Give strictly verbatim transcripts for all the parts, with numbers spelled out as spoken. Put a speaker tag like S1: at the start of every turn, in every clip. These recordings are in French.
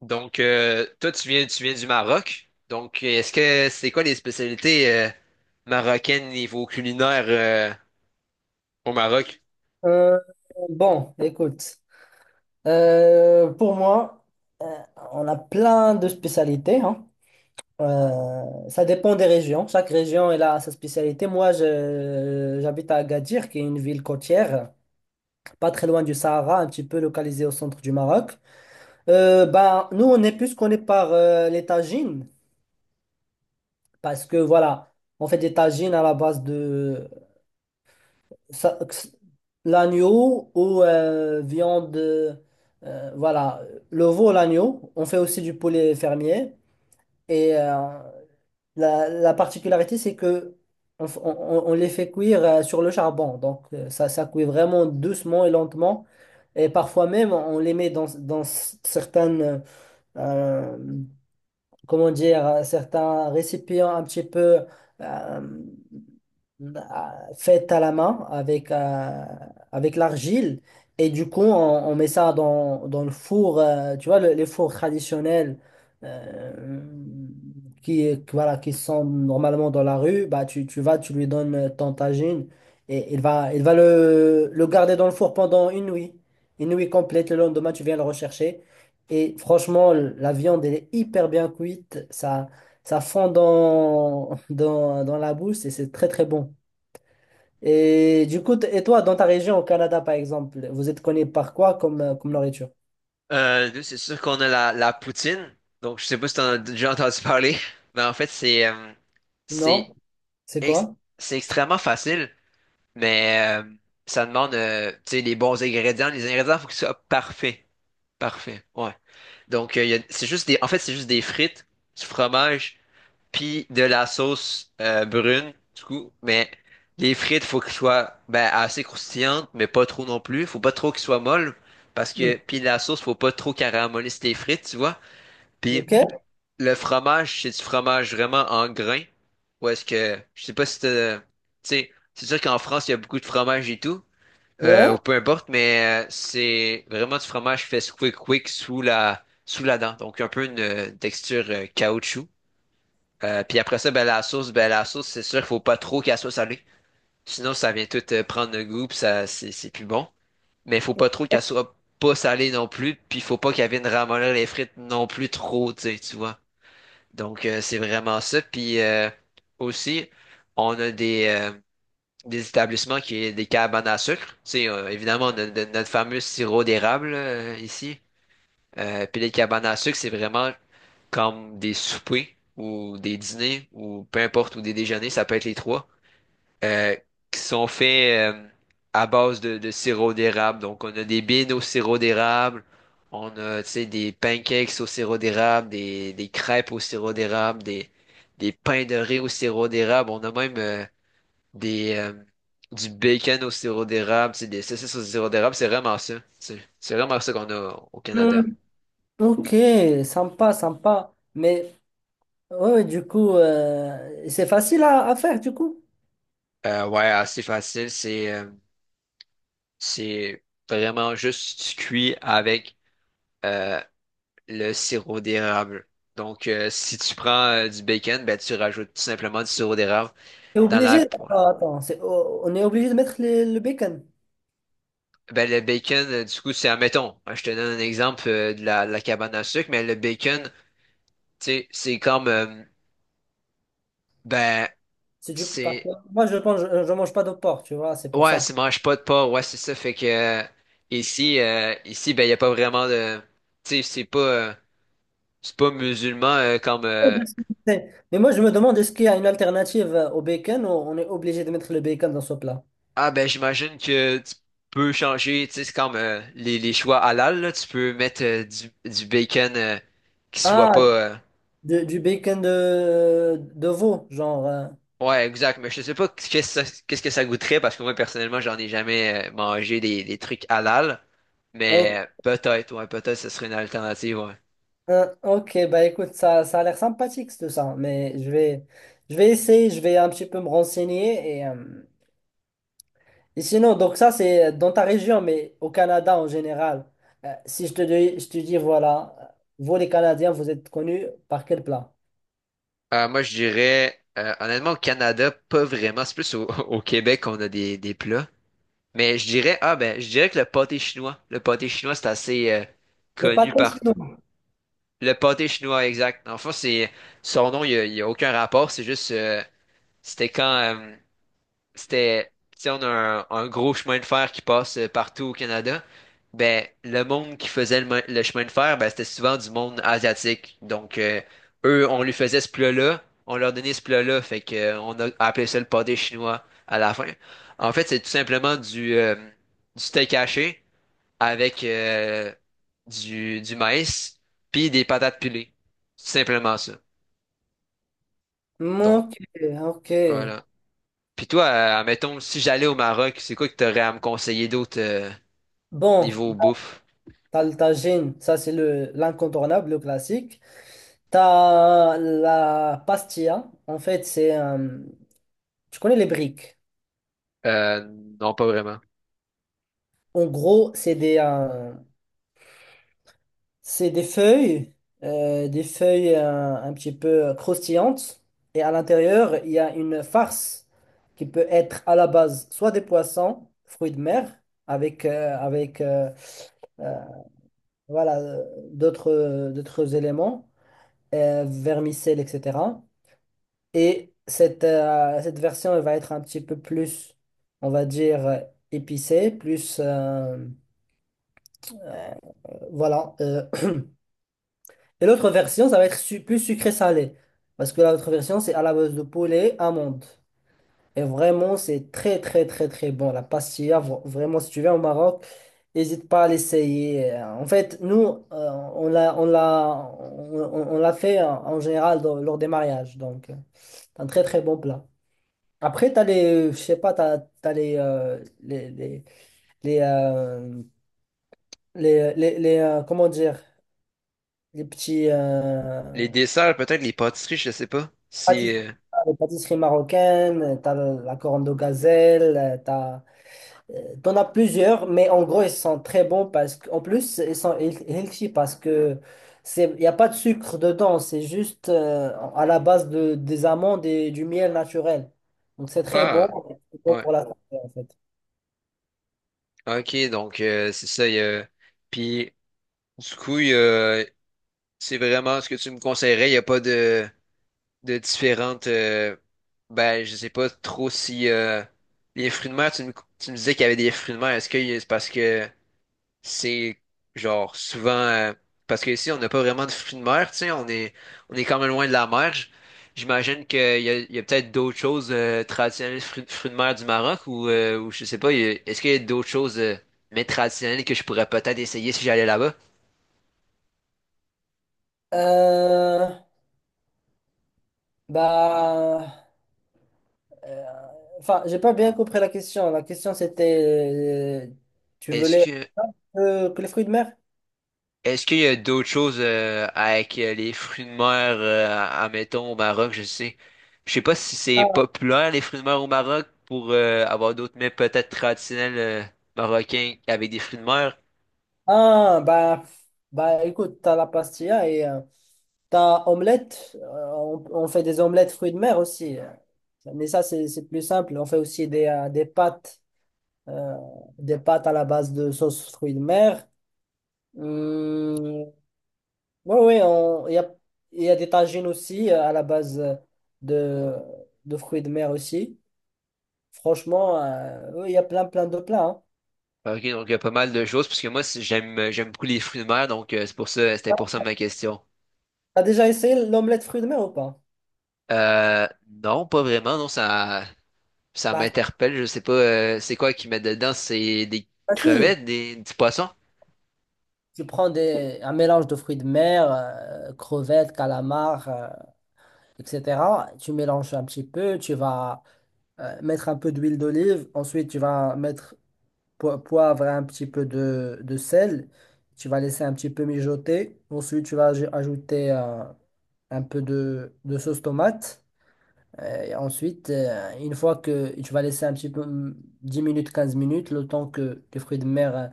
S1: Donc, euh, toi, tu viens, tu viens du Maroc. Donc, est-ce que c'est quoi les spécialités euh, marocaines niveau culinaire euh, au Maroc?
S2: Euh, bon, écoute, euh, pour moi, on a plein de spécialités, hein. Euh, ça dépend des régions. Chaque région elle a sa spécialité. Moi, je- j'habite à Agadir, qui est une ville côtière, pas très loin du Sahara, un petit peu localisée au centre du Maroc. Euh, ben, nous, on est plus connus par euh, les tagines, parce que voilà, on fait des tagines à la base de ça- l'agneau ou euh, viande, euh, voilà, le veau, l'agneau. On fait aussi du poulet fermier. Et euh, la, la particularité, c'est que on, f- on- on- on les fait cuire euh, sur le charbon. Donc, euh, ça, ça cuit vraiment doucement et lentement. Et parfois même, on les met dans, dans c- certaines, euh, comment dire, euh, certains récipients un petit peu, euh, bah, faite à la main avec, euh, avec l'argile. Et du coup, on, on met ça dans, dans le four, euh, tu vois, le- les fours traditionnels, euh, qui, qui- voilà, qui sont normalement dans la rue. Bah, tu, tu vas, tu lui donnes ton tagine et il va, il va le, le garder dans le four pendant une nuit. Une nuit complète. Le lendemain, tu viens le rechercher. Et franchement, la viande, elle est hyper bien cuite. Ça, ça fond dans, dans, dans la bouche et c'est très, très bon. Et du coup, t- et toi, dans ta région au Canada, par exemple, vous êtes connu par quoi comme, euh, comme nourriture?
S1: Euh, nous, c'est sûr qu'on a la, la poutine. Donc, je sais pas si t'en as déjà entendu parler, mais en fait, c'est euh, c'est
S2: Non? C'est quoi?
S1: ex- c'est extrêmement facile, mais euh, ça demande euh, tu sais, les bons ingrédients. Les ingrédients, faut qu'ils soient parfaits. Parfaits, ouais. Donc, euh, il y a- c'est juste des, en fait, c'est juste des frites, du fromage, puis de la sauce euh, brune, du coup, mais les frites, faut qu'elles soient ben, assez croustillantes, mais pas trop non plus. Faut pas trop qu'elles soient molles, parce
S2: Ouais.
S1: que, puis la sauce, faut pas trop caraméliser tes frites, tu vois. Puis
S2: Ok?
S1: le fromage, c'est du fromage vraiment en grains, ou est-ce que, je sais pas si t'as, tu sais, c'est sûr qu'en France, il y a beaucoup de fromage et tout, euh, ou
S2: Ouais?
S1: peu importe, mais euh, c'est vraiment du fromage fait squick-quick sous la, sous la dent, donc un peu une, euh, texture euh, caoutchouc. Euh, puis après ça, ben, la sauce, ben, la sauce, c'est sûr qu'il faut pas trop qu'elle soit salée. Sinon, ça vient tout euh, prendre le goût, puis ça, c'est c'est plus bon. Mais il faut pas trop qu'elle soit pas salée non plus, puis faut pas qu'elle vienne ramollir les frites non plus trop, tu sais, tu vois. Donc, euh, c'est vraiment ça. Puis euh, aussi, on a des, euh, des établissements qui ont des cabanes à sucre. Tu sais, euh, évidemment, on a de- notre fameux sirop d'érable là, euh, ici. Euh, puis les cabanes à sucre, c'est vraiment comme des soupers ou des dîners ou peu importe, ou des déjeuners, ça peut être les trois, euh, qui sont faits euh, à base de, de sirop d'érable. Donc, on a des beans au sirop d'érable, on a, tu sais, des pancakes au sirop d'érable, des, des crêpes au sirop d'érable, des, des pains de riz au sirop d'érable. On a même euh, des, euh, du bacon au sirop d'érable, tu sais, des saucisses au sirop d'érable. C'est vraiment ça. c'est C'est vraiment ça qu'on a au
S2: Hmm.
S1: Canada.
S2: Ok, sympa, sympa. Mais ouais, ouais, du coup, euh, c'est facile à, à faire, du coup.
S1: Euh, ouais, assez facile. C'est euh, c'est vraiment juste cuit avec euh, le sirop d'érable. Donc, euh, si tu prends euh, du bacon, ben, tu rajoutes tout simplement du sirop d'érable
S2: T'es
S1: dans
S2: obligé.
S1: la...
S2: Attends, attends, c'est- o- on est obligé de mettre les- le bacon.
S1: Ben, le bacon, euh, du coup, c'est, admettons, hein, je te donne un exemple euh, de la, de la cabane à sucre, mais le bacon, tu sais, c'est comme... euh, ben,
S2: C'est du... parce que
S1: c'est...
S2: Moi, je pense, je, je mange pas de porc, tu vois, c'est pour
S1: Ouais,
S2: ça.
S1: c'est mange pas de porc, ouais, c'est ça. Fait que euh, ici, euh, ici, ben, il n'y a pas vraiment de... Tu sais, c'est pas... euh, c'est pas musulman euh, comme
S2: Ouais,
S1: euh,
S2: parce que c'est- mais moi, je me demande, est-ce qu'il y a une alternative euh, au bacon, ou on est obligé de mettre le bacon dans ce plat?
S1: ah ben j'imagine que tu peux changer, tu sais, c'est comme euh, les, les choix halal là, tu peux mettre euh, du, du bacon euh, qui soit
S2: Ah,
S1: pas euh,
S2: de- du bacon de, de veau, genre. Euh,
S1: ouais, exact, mais je sais pas qu'est-ce que ça, qu'est-ce que ça goûterait parce que moi personnellement, j'en ai jamais euh, mangé des, des trucs halal,
S2: ok,
S1: mais peut-être ouais, peut-être ce serait une alternative ouais.
S2: hein, ok, bah écoute, ça, ça a l'air sympathique tout ça, mais je vais, je vais essayer, je vais un petit peu me renseigner. Et, euh, et sinon, donc ça, c'est dans ta région, mais au Canada en général. Euh, si je te dis, je te dis, voilà, euh, vous les Canadiens, vous êtes connus par quel plat?
S1: Euh, moi je dirais euh, honnêtement au Canada, pas vraiment, c'est plus au, au Québec qu'on a des, des plats. Mais je dirais, ah ben, je dirais que le pâté chinois, le pâté chinois, c'est assez euh,
S2: Le
S1: connu
S2: pâté
S1: partout.
S2: sinon.
S1: Le pâté chinois, exact. En fait, c'est son nom, il n'y a, il y a aucun rapport. C'est juste, euh, c'était quand euh, c'était, si on a un, un gros chemin de fer qui passe euh, partout au Canada, ben le monde qui faisait le, mo- le chemin de fer, ben c'était souvent du monde asiatique. Donc euh, eux, on lui faisait ce plat-là, on leur donnait ce plat-là, fait que euh, on a appelé ça le pâté chinois à la fin. En fait, c'est tout simplement du euh, du steak haché avec euh, du du maïs puis des patates pilées, tout simplement ça. Donc
S2: Ok, ok.
S1: voilà. Puis toi, euh, admettons, si j'allais au Maroc, c'est quoi que t'aurais à me conseiller d'autre euh,
S2: Bon,
S1: niveau bouffe?
S2: t'as le tagine, ça c'est le l'incontournable, le classique. T'as la pastilla, en fait, c'est un. Tu connais les briques.
S1: Euh, non, pas vraiment.
S2: En gros, c'est des, euh, c'est des feuilles, euh, des feuilles, euh, un petit peu croustillantes. Et à l'intérieur, il y a une farce qui peut être à la base soit des poissons, fruits de mer, avec, euh, avec euh, euh, voilà, euh, d'autres, d'autres éléments, euh, vermicelles, et cetera. Et cette, euh, cette version, elle va être un petit peu plus, on va dire, euh, épicée, plus... euh, voilà. euh. Et l'autre version, ça va être su- plus sucré-salé. Parce que l'autre version, c'est à la base de poulet, amande. Et vraiment, c'est très, très, très, très bon. La pastilla, vra- vraiment, si tu viens au Maroc, n'hésite pas à l'essayer. Euh, En fait, nous, euh, on l'a, on l'a, on, on- on l'a fait euh, en général dans- lors des mariages. Donc, euh, c'est un très, très bon plat. Après, t'as les, euh, je sais pas, t'as, t'as les, euh, les, les, les, euh, les, euh, les- les, euh, comment dire, les petits euh,
S1: Les desserts, peut-être les pâtisseries, je sais pas. Si
S2: pâtisseries,
S1: euh,
S2: les pâtisseries marocaines, t'as le- la corne de gazelle, euh, t'as, euh, t'en as plusieurs, mais en gros, ils sont très bons parce qu'en plus, ils sont heal- healthy parce que c'est, il n'y a pas de sucre dedans, c'est juste euh, à la base de, des amandes et du miel naturel. Donc, c'est très
S1: ah
S2: bon, c'est bon
S1: ouais,
S2: pour la santé, en fait.
S1: ok, donc euh, c'est ça. Il Y a... Puis du coup, il y a- c'est vraiment ce que tu me conseillerais. Il y a pas de de différentes. euh, Ben, je sais pas trop si euh, les fruits de mer. Tu me tu me disais qu'il y avait des fruits de mer. Est-ce que y- c'est parce que c'est genre souvent euh, parce que ici on n'a pas vraiment de fruits de mer, tu sais, on est on est quand même loin de la mer. J- J'imagine qu'il y a, il y a peut-être d'autres choses euh, traditionnelles fruits, fruits de mer du Maroc ou, euh, ou je sais pas, il y a- est-ce qu'il y a d'autres choses euh, mais traditionnelles que je pourrais peut-être essayer si j'allais là-bas?
S2: Euh, Bah, euh, enfin, j'ai pas bien compris la question. La question c'était, euh, tu
S1: Est-ce
S2: voulais
S1: que
S2: euh, que les fruits de mer?
S1: Est-ce qu'il y a d'autres choses euh, avec euh, les fruits de mer, euh, admettons, au Maroc, je sais. Je sais pas si c'est populaire, les fruits de mer au Maroc, pour euh, avoir d'autres mets peut-être traditionnels euh, marocains avec des fruits de mer.
S2: Ah, bah, bah, écoute, t'as la pastilla et euh, t'as omelette. Euh, on, on fait des omelettes fruits de mer aussi. euh. Mais ça, c'est c'est plus simple. On fait aussi des, euh, des pâtes, euh, des pâtes à la base de sauce fruits de mer. Hum, oui, oui, on- il y a, il y a des tagines aussi euh, à la base euh, de, de fruits de mer aussi. Franchement, euh, oui, il y a plein, plein de plats, hein.
S1: Ok, donc il y a pas mal de choses, parce que moi, si- j'aime euh, j'aime beaucoup les fruits de mer, donc euh, c'est pour ça, c'était pour ça ma question.
S2: T'as déjà essayé l'omelette fruits de mer ou pas?
S1: Euh, non, pas vraiment, non, ça ça
S2: Bah, c'est
S1: m'interpelle, je sais pas, euh, c'est quoi qu'ils mettent dedans, c'est des
S2: facile.
S1: crevettes, des, du poisson?
S2: Tu prends des, un mélange de fruits de mer, euh, crevettes, calamars, euh, et cetera. Tu mélanges un petit peu, tu vas euh, mettre un peu d'huile d'olive. Ensuite, tu vas mettre po- poivre et un petit peu de, de sel. Tu vas laisser un petit peu mijoter. Ensuite, tu vas aj- ajouter euh, un peu de, de sauce tomate. Euh, et ensuite, euh, une fois que tu vas laisser un petit peu hum, dix minutes, quinze minutes, le temps que les fruits de mer euh,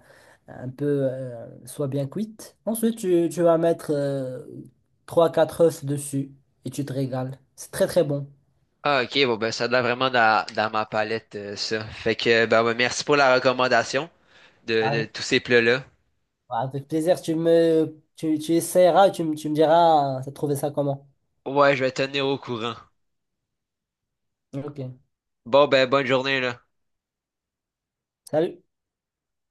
S2: un peu euh, soient bien cuites. Ensuite, tu, tu vas mettre euh, trois quatre œufs dessus et tu te régales. C'est très très bon.
S1: Ah, ok, bon, ben, ça doit vraiment dans, dans ma palette, euh, ça. Fait que, ben, ben, merci pour la recommandation de, de
S2: Avec,
S1: tous ces plats-là.
S2: avec plaisir, tu me tu, tu essaieras et tu, me- tu me diras, euh, t'as trouvé ça comment.
S1: Ouais, je vais tenir au courant.
S2: Ok.
S1: Bon, ben, bonne journée, là.
S2: Salut.